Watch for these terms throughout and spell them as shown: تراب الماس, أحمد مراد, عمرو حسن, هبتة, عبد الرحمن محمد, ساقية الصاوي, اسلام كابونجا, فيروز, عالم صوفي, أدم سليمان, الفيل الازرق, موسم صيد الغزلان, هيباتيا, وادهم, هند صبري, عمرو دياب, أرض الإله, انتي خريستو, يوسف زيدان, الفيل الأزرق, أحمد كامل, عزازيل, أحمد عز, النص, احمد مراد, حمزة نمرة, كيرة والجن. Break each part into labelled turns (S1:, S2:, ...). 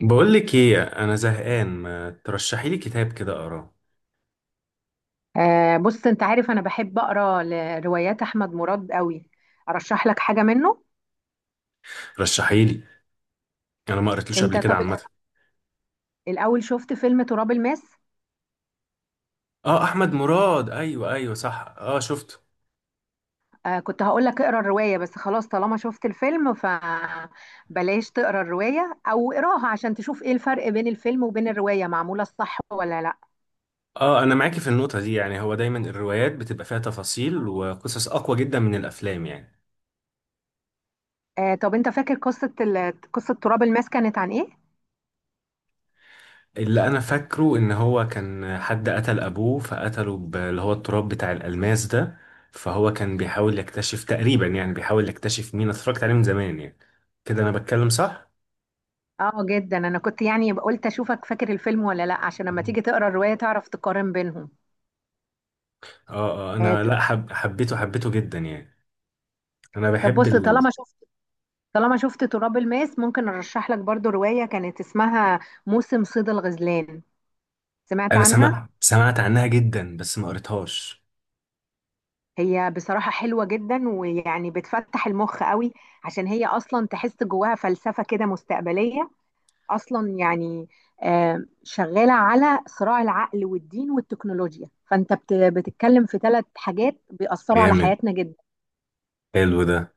S1: بقول لك ايه، انا زهقان، ما ترشحي لي كتاب كده اقراه.
S2: بص، انت عارف انا بحب اقرا لروايات احمد مراد قوي. ارشح لك حاجه منه.
S1: رشحي لي. انا ما قريتلوش قبل كده
S2: طب
S1: عامه.
S2: الاول شفت فيلم تراب الماس؟
S1: اه، احمد مراد، ايوه ايوه صح، اه شفته.
S2: كنت هقول لك اقرا الروايه، بس خلاص طالما شفت الفيلم فبلاش تقرا الروايه، او اقراها عشان تشوف ايه الفرق بين الفيلم وبين الروايه، معموله الصح ولا لا.
S1: اه، انا معاكي في النقطه دي. يعني هو دايما الروايات بتبقى فيها تفاصيل وقصص اقوى جدا من الافلام يعني.
S2: طب انت فاكر قصه قصه تراب الماس كانت عن ايه؟
S1: اللي انا فاكره ان هو كان حد قتل ابوه فقتله اللي هو التراب بتاع الالماس ده. فهو كان بيحاول يكتشف تقريبا، يعني بيحاول يكتشف مين. أنا اتفرجت عليه من زمان يعني. كده انا بتكلم صح؟
S2: اه جدا، انا كنت يعني قلت اشوفك فاكر الفيلم ولا لا عشان لما تيجي تقرا الروايه تعرف تقارن بينهم.
S1: اه.
S2: آه،
S1: انا
S2: ط-
S1: لا حب حبيته حبيته جدا يعني. انا
S2: طب
S1: بحب
S2: بص، طالما شفت تراب الماس ممكن ارشح لك برضو رواية كانت اسمها موسم صيد الغزلان. سمعت
S1: انا
S2: عنها؟
S1: سمعت عنها جدا، بس ما قريتهاش.
S2: هي بصراحة حلوة جدا، ويعني بتفتح المخ قوي عشان هي اصلا تحس جواها فلسفة كده مستقبلية اصلا يعني. شغالة على صراع العقل والدين والتكنولوجيا، فانت بتتكلم في ثلاث حاجات بيأثروا على
S1: جامد،
S2: حياتنا جدا.
S1: حلو ده.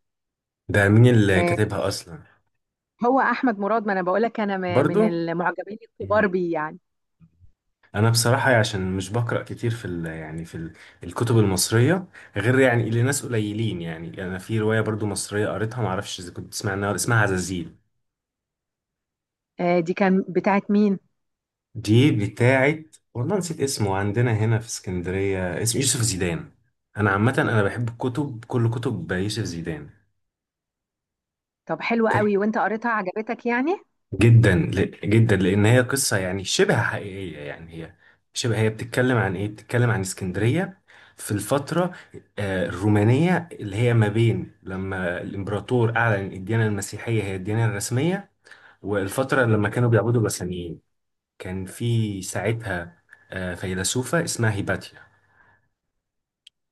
S1: ده مين اللي
S2: آه،
S1: كاتبها اصلا؟
S2: هو احمد مراد، ما انا بقولك انا من
S1: برضو.
S2: المعجبين الكبار
S1: مم.
S2: بيه يعني.
S1: انا بصراحة عشان مش بقرأ كتير في ال... يعني في ال... الكتب المصرية غير يعني لناس قليلين. يعني انا في رواية برضو مصرية قريتها، ما اعرفش اذا كنت تسمع عنها، اسمها عزازيل.
S2: دي كان بتاعت مين؟
S1: دي بتاعت والله نسيت اسمه، عندنا هنا في اسكندرية، اسمه يوسف زيدان. أنا عامة أنا بحب الكتب، كل كتب يوسف زيدان.
S2: طب حلو قوي،
S1: ك-
S2: وانت قريتها عجبتك يعني؟
S1: جدا، جدا لأن هي قصة يعني شبه حقيقية. يعني هي شبه، هي بتتكلم عن إيه؟ بتتكلم عن اسكندرية في الفترة الرومانية، اللي هي ما بين لما الإمبراطور أعلن الديانة المسيحية هي الديانة الرسمية، والفترة لما كانوا بيعبدوا بثانيين. كان في ساعتها فيلسوفة اسمها هيباتيا.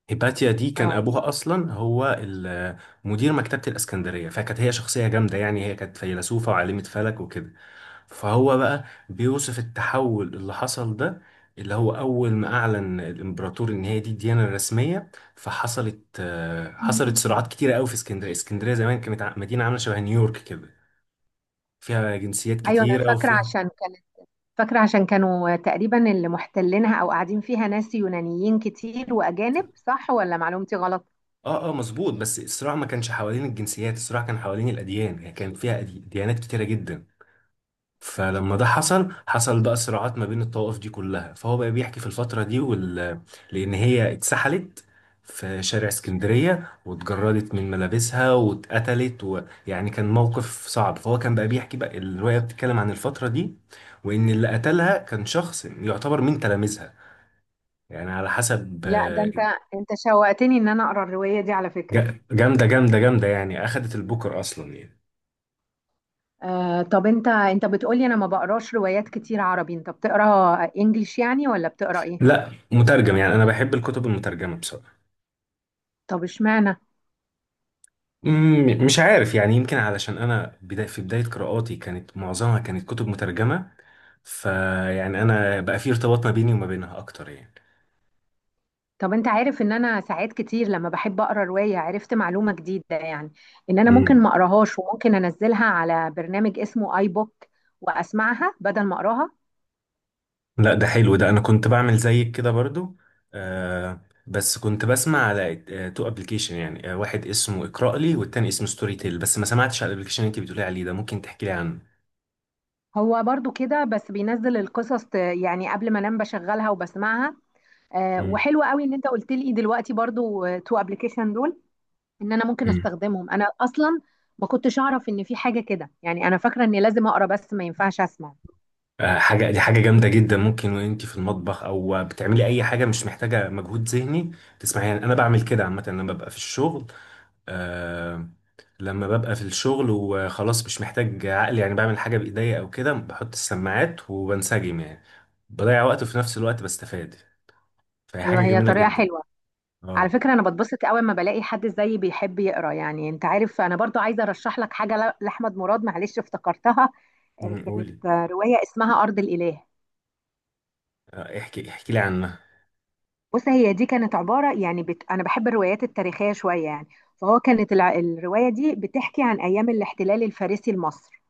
S1: هيباتيا دي كان
S2: اه
S1: ابوها اصلا هو مدير مكتبه الاسكندريه، فكانت هي شخصيه جامده يعني، هي كانت فيلسوفه وعالمه فلك وكده. فهو بقى بيوصف التحول اللي حصل ده، اللي هو اول ما اعلن الامبراطور ان هي دي الديانه الرسميه، فحصلت آه، حصلت صراعات كتيره قوي في اسكندريه. اسكندريه زمان كانت مدينه عامله شبه نيويورك كده، فيها جنسيات
S2: ايوه، انا
S1: كتيره
S2: فاكره
S1: وفيها
S2: عشان كانت، فاكره عشان كانوا تقريبا اللي محتلينها او قاعدين فيها ناس يونانيين كتير واجانب، صح ولا معلومتي غلط؟
S1: اه. اه مظبوط، بس الصراع ما كانش حوالين الجنسيات، الصراع كان حوالين الاديان، يعني كان فيها ديانات كتيره جدا. فلما ده حصل بقى صراعات ما بين الطوائف دي كلها. فهو بقى بيحكي في الفترة دي لأن هي اتسحلت في شارع اسكندرية واتجردت من ملابسها واتقتلت، ويعني كان موقف صعب. فهو كان بقى بيحكي بقى، الرواية بتتكلم عن الفترة دي، وإن اللي قتلها كان شخص يعتبر من تلاميذها يعني على حسب
S2: لا، ده انت انت شوقتني ان انا اقرا الروايه دي على فكره.
S1: جامدة جامدة جامدة يعني، أخدت البوكر أصلا يعني.
S2: طب انت بتقولي انا ما بقراش روايات كتير عربي، انت بتقرا انجليش يعني ولا بتقرا ايه؟
S1: لا مترجم يعني، أنا بحب الكتب المترجمة بصراحة.
S2: طب اشمعنى؟
S1: مش عارف يعني، يمكن علشان انا بدا، في بدايه قراءاتي كانت معظمها كانت كتب مترجمه، فيعني انا بقى في ارتباط ما بيني وما بينها اكتر يعني.
S2: طب انت عارف ان انا ساعات كتير لما بحب اقرا رواية عرفت معلومة جديدة يعني، ان انا ممكن
S1: امم
S2: ما اقراهاش وممكن انزلها على برنامج اسمه اي بوك واسمعها بدل ما اقراها.
S1: لا ده حلو ده، انا كنت بعمل زيك كده برضو. آه. بس كنت بسمع على تو ابلكيشن يعني، واحد اسمه اقرأ لي والتاني اسمه ستوري تيل. بس ما سمعتش على الابلكيشن اللي انت بتقولي عليه ده، ممكن تحكي لي عنه.
S2: هو برضو كده، بس بينزل القصص يعني قبل ما انام بشغلها وبسمعها. وحلو قوي ان انت قلت لي دلوقتي برضو تو ابلكيشن دول، ان انا ممكن
S1: امم
S2: استخدمهم انا اصلا. ما كنتش اعرف ان في حاجة كده يعني، انا فاكرة اني لازم اقرا بس ما ينفعش اسمع.
S1: حاجة، دي حاجة جامدة جدا. ممكن وانت في المطبخ او بتعملي اي حاجة مش محتاجة مجهود ذهني تسمعي، يعني انا بعمل كده عامة لما ببقى في الشغل. آه. لما ببقى في الشغل وخلاص مش محتاج عقل يعني، بعمل حاجة بايديا او كده، بحط السماعات وبنسجم يعني، بضيع وقت وفي نفس الوقت بستفاد، فهي حاجة
S2: ايوه، هي
S1: جميلة
S2: طريقة
S1: جدا.
S2: حلوة. على
S1: اه.
S2: فكرة أنا بتبسط قوي لما بلاقي حد زيي بيحب يقرأ يعني، أنت عارف أنا برضو عايزة أرشح لك حاجة لأحمد مراد، معلش افتكرتها. كانت
S1: قولي.
S2: رواية اسمها أرض الإله.
S1: احكي احكي لي عنها.
S2: بص، هي دي كانت عبارة يعني أنا بحب الروايات التاريخية شوية يعني. فهو كانت الرواية دي بتحكي عن أيام الاحتلال الفارسي لمصر،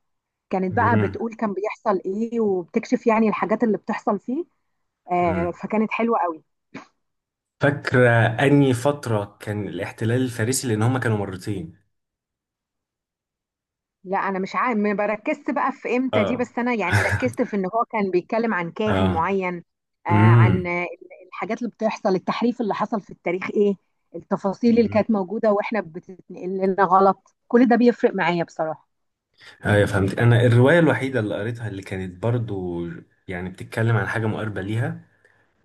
S2: كانت بقى
S1: أمم،
S2: بتقول كان بيحصل إيه وبتكشف يعني الحاجات اللي بتحصل فيه.
S1: أمم.
S2: فكانت حلوة قوي.
S1: فاكرة اني فترة كان الاحتلال الفارسي لان هما كانوا مرتين.
S2: لا انا مش عارف، ما بركزت بقى في امتى دي،
S1: اه.
S2: بس انا يعني ركزت في ان هو كان بيتكلم عن كاهن
S1: اه.
S2: معين. آه
S1: امم
S2: عن آه، الحاجات اللي بتحصل، التحريف اللي حصل في التاريخ ايه، التفاصيل اللي
S1: أمم.
S2: كانت موجودة واحنا بتتنقل لنا غلط، كل ده بيفرق معايا بصراحة.
S1: ايوه فهمت. انا الروايه الوحيده اللي قريتها اللي كانت برضو يعني بتتكلم عن حاجه مقاربه ليها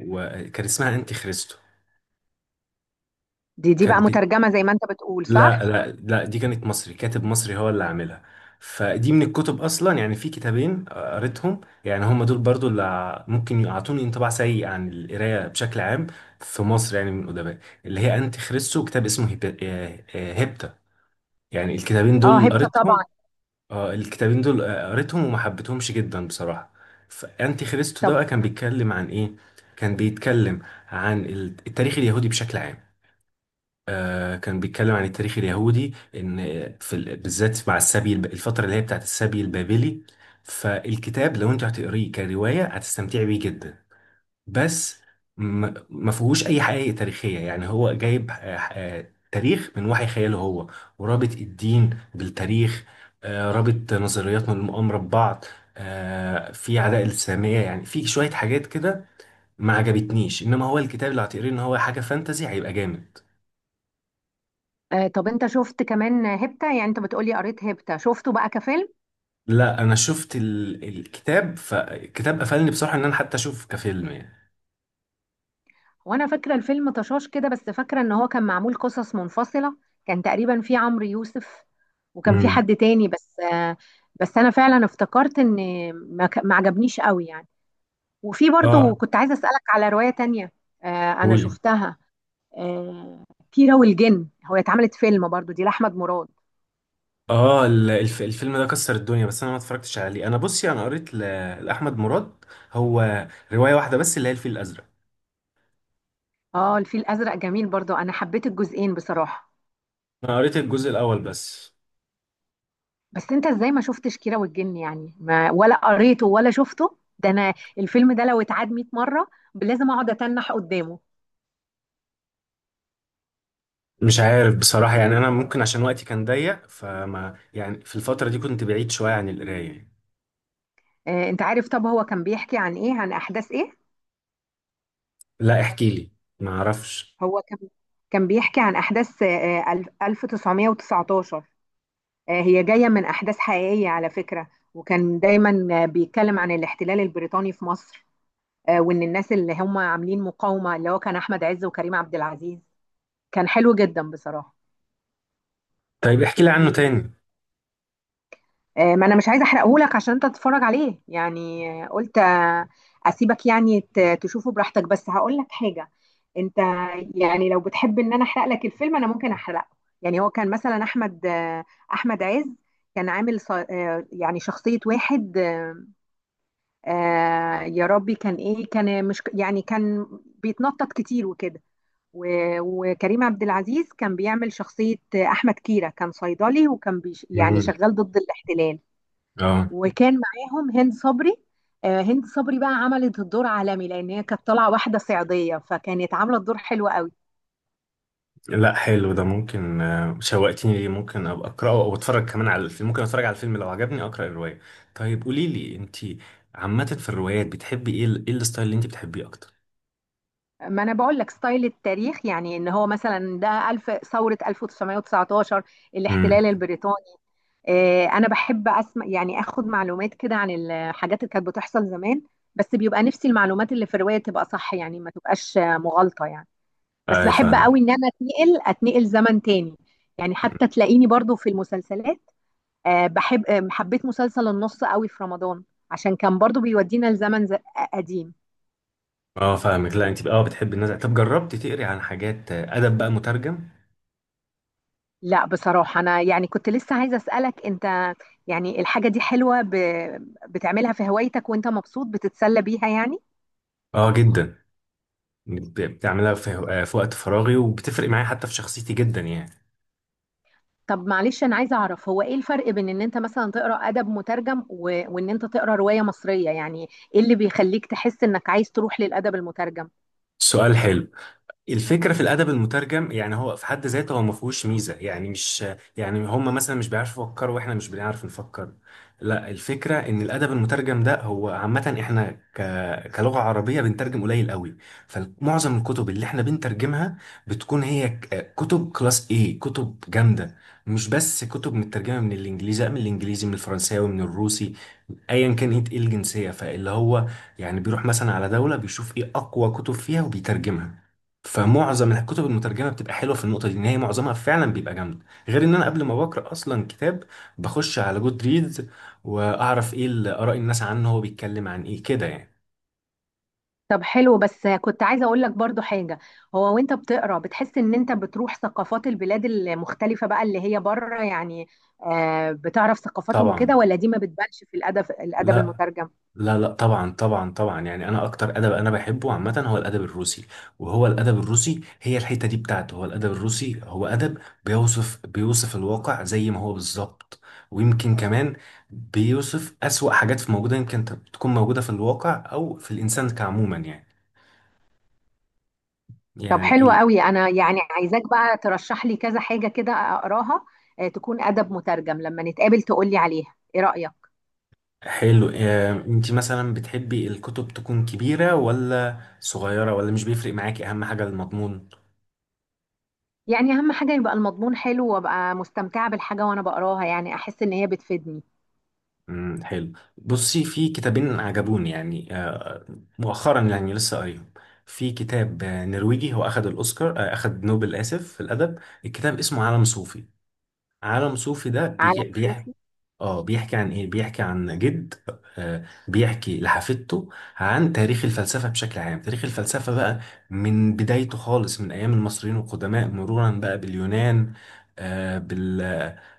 S1: وكان اسمها انتي خريستو.
S2: دي بقى
S1: كانت بت...
S2: مترجمة زي ما انت بتقول،
S1: لا
S2: صح؟
S1: لا لا، دي كانت مصري، كاتب مصري هو اللي عاملها. فدي من الكتب اصلا يعني، في كتابين قريتهم يعني، هم دول برضو اللي ممكن يعطوني انطباع سيء عن القرايه بشكل عام في مصر يعني من الادباء. اللي هي انتي خريستو وكتاب اسمه هيبتا. يعني الكتابين
S2: اه،
S1: دول
S2: هبتة
S1: قريتهم.
S2: طبعا.
S1: اه الكتابين دول قريتهم وما حبيتهمش جدا بصراحة. فأنتي خريستو ده
S2: طب،
S1: بقى كان بيتكلم عن إيه؟ كان بيتكلم عن التاريخ اليهودي بشكل عام. آه، كان بيتكلم عن التاريخ اليهودي، إن في بالذات مع السبي الفترة اللي هي بتاعت السبي البابلي. فالكتاب لو أنت هتقريه كرواية هتستمتعي بيه جدا، بس ما فيهوش اي حقائق تاريخيه يعني، هو جايب تاريخ من وحي خياله هو، ورابط الدين بالتاريخ، رابط نظريات من المؤامره ببعض، في عداء الساميه يعني، في شويه حاجات كده ما عجبتنيش. انما هو الكتاب اللي هتقريه ان هو حاجه فانتزي هيبقى جامد.
S2: طب انت شفت كمان هبتة؟ يعني انت بتقولي قريت هبتة شفته بقى كفيلم.
S1: لا انا شفت الكتاب، فالكتاب قفلني بصراحه ان انا حتى اشوف كفيلم يعني.
S2: وانا فاكره الفيلم طشاش كده، بس فاكره ان هو كان معمول قصص منفصله. كان تقريبا في عمرو يوسف، وكان في
S1: امم
S2: حد تاني بس بس انا فعلا افتكرت ان ما عجبنيش قوي يعني. وفي
S1: اه
S2: برضو كنت عايزه اسالك على روايه تانية انا
S1: قولي.
S2: شفتها. آه، كيرة والجن، هو اتعملت فيلم برضو، دي لاحمد مراد.
S1: اه الفيلم ده كسر الدنيا، بس انا ما اتفرجتش عليه. انا بصي، انا قريت لاحمد مراد هو روايه واحده بس، اللي هي الفيل الازرق.
S2: اه، الفيل الازرق جميل برضو، انا حبيت الجزئين بصراحه.
S1: انا قريت الجزء الاول بس.
S2: بس انت ازاي ما شفتش كيرة والجن؟ يعني ما ولا قريته ولا شفته، ده انا الفيلم ده لو اتعاد 100 مرة لازم اقعد اتنح قدامه.
S1: مش عارف بصراحه يعني، انا ممكن عشان وقتي كان ضيق، فما يعني في الفتره دي كنت بعيد شويه عن القرايه.
S2: اه انت عارف؟ طب هو كان بيحكي عن ايه، عن احداث ايه؟
S1: لا احكي لي، ما اعرفش.
S2: هو كان كان بيحكي عن احداث 1919. اه هي جاية من احداث حقيقية على فكرة، وكان دايما بيتكلم عن الاحتلال البريطاني في مصر. اه وان الناس اللي هم عاملين مقاومة اللي هو كان احمد عز وكريم عبد العزيز. كان حلو جدا بصراحة.
S1: طيب احكي لي عنه تاني.
S2: ما انا مش عايزه احرقهولك عشان انت تتفرج عليه يعني، قلت، اسيبك يعني تشوفه براحتك، بس هقول لك حاجه. انت يعني لو بتحب ان انا احرق لك الفيلم انا ممكن احرقه. يعني هو كان مثلا احمد احمد عز كان عامل يعني شخصيه واحد يا ربي كان ايه، كان مش يعني كان بيتنطط كتير وكده. و- وكريم عبد العزيز كان بيعمل شخصيه احمد كيرة، كان صيدلي وكان بيش يعني
S1: امم
S2: شغال ضد الاحتلال.
S1: اه.
S2: وكان معاهم هند صبري. هند صبري بقى عملت الدور عالمي لان هي كانت طالعه واحده صعيديه فكانت عامله الدور حلو قوي.
S1: لا حلو ده، ممكن شوقتني ليه، ممكن ابقى اقراه او اتفرج كمان على الفيلم، ممكن اتفرج على الفيلم لو عجبني اقرا الروايه. طيب قولي لي انت، عامه في الروايات بتحبي ايه، ايه الستايل اللي انت بتحبيه اكتر؟
S2: ما انا بقول لك ستايل التاريخ، يعني ان هو مثلا ده الف ثوره 1919،
S1: امم
S2: الاحتلال البريطاني. انا بحب اسمع يعني، اخد معلومات كده عن الحاجات اللي كانت بتحصل زمان، بس بيبقى نفسي المعلومات اللي في الروايه تبقى صح، يعني ما تبقاش مغالطه يعني. بس
S1: ايوه
S2: بحب قوي
S1: فاهمك.
S2: ان انا اتنقل زمن تاني، يعني حتى تلاقيني برضو في المسلسلات. بحب، حبيت مسلسل النص قوي في رمضان عشان كان برضو بيودينا لزمن قديم.
S1: اه فاهمك. لا انت اه بتحبي النزع. طب جربتي تقري عن حاجات ادب بقى مترجم؟
S2: لا بصراحة، أنا يعني كنت لسه عايزة أسألك أنت، يعني الحاجة دي حلوة بتعملها في هوايتك وأنت مبسوط بتتسلى بيها يعني؟
S1: اه جدا. بتعملها في في وقت فراغي، وبتفرق معايا حتى في شخصيتي جدا يعني.
S2: طب معلش، أنا عايزة أعرف هو إيه الفرق بين إن أنت مثلا تقرأ أدب مترجم وإن أنت تقرأ رواية مصرية يعني، إيه اللي بيخليك تحس إنك عايز تروح للأدب المترجم؟
S1: سؤال حلو. الفكرة في الأدب المترجم، يعني هو في حد ذاته هو ما فيهوش ميزة يعني، مش يعني هم مثلا مش بيعرفوا يفكروا وإحنا مش بنعرف نفكر، لا. الفكرة إن الأدب المترجم ده، هو عامة إحنا كلغة عربية بنترجم قليل قوي، فمعظم الكتب اللي إحنا بنترجمها بتكون هي كتب كلاس A، كتب جامدة. مش بس كتب مترجمة من الإنجليزي، لا، من الإنجليزي، من الفرنساوي، من الروسي، أيا كان إيه الجنسية، فاللي هو يعني بيروح مثلا على دولة بيشوف إيه أقوى كتب فيها وبيترجمها. فمعظم الكتب المترجمه بتبقى حلوه في النقطه دي، ان هي معظمها فعلا بيبقى جامد. غير ان انا قبل ما بقرا اصلا كتاب، بخش على جود ريدز واعرف ايه اراء الناس عنه، هو بيتكلم عن ايه كده يعني.
S2: طب حلو، بس كنت عايزة اقول لك برضو حاجة. هو وانت بتقرا بتحس ان انت بتروح ثقافات البلاد المختلفة بقى اللي هي بره يعني، بتعرف ثقافاتهم وكده،
S1: طبعا.
S2: ولا دي ما بتبانش في الادب
S1: لا
S2: المترجم؟
S1: لا لا طبعا طبعا طبعا، يعني انا اكتر ادب انا بحبه عامه هو الادب الروسي. وهو الادب الروسي، هي الحته دي بتاعته، هو الادب الروسي هو ادب بيوصف بيوصف الواقع زي ما هو بالظبط، ويمكن كمان بيوصف اسوأ حاجات في موجوده، يمكن تكون موجوده في الواقع او في الانسان كعموما يعني.
S2: طب
S1: يعني
S2: حلو قوي، انا يعني عايزاك بقى ترشح لي كذا حاجة كده اقراها، تكون ادب مترجم، لما نتقابل تقول لي عليها ايه رأيك.
S1: حلو. انت مثلا بتحبي الكتب تكون كبيره ولا صغيره، ولا مش بيفرق معاكي اهم حاجه المضمون؟
S2: يعني اهم حاجة يبقى المضمون حلو، وابقى مستمتعة بالحاجة وانا بقراها، يعني احس ان هي بتفيدني.
S1: حلو. بصي في كتابين عجبوني يعني، مؤخرا يعني لسه قريب. في كتاب نرويجي، هو أخد الأوسكار، أخد نوبل آسف، في الأدب. الكتاب اسمه عالم صوفي. عالم صوفي ده
S2: عالم
S1: بيحكي،
S2: صوفي؟
S1: اه بيحكي عن ايه، بيحكي عن جد بيحكي لحفيدته عن تاريخ الفلسفة بشكل عام. تاريخ الفلسفة بقى من بدايته خالص من أيام المصريين القدماء، مرورا بقى باليونان،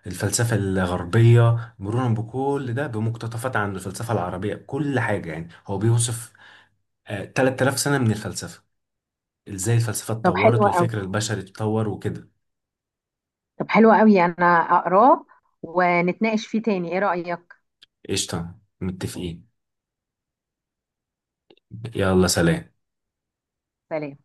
S1: بالفلسفة الغربية، مرورا بكل ده بمقتطفات عن الفلسفة العربية، كل حاجة يعني هو بيوصف 3000 سنة من الفلسفة، ازاي الفلسفة
S2: طب حلو
S1: اتطورت
S2: قوي.
S1: والفكر البشري اتطور وكده.
S2: طب حلو قوي، انا اقراه ونتناقش فيه تاني، ايه رأيك؟
S1: قشطة متفقين. يلا سلام.
S2: سلام.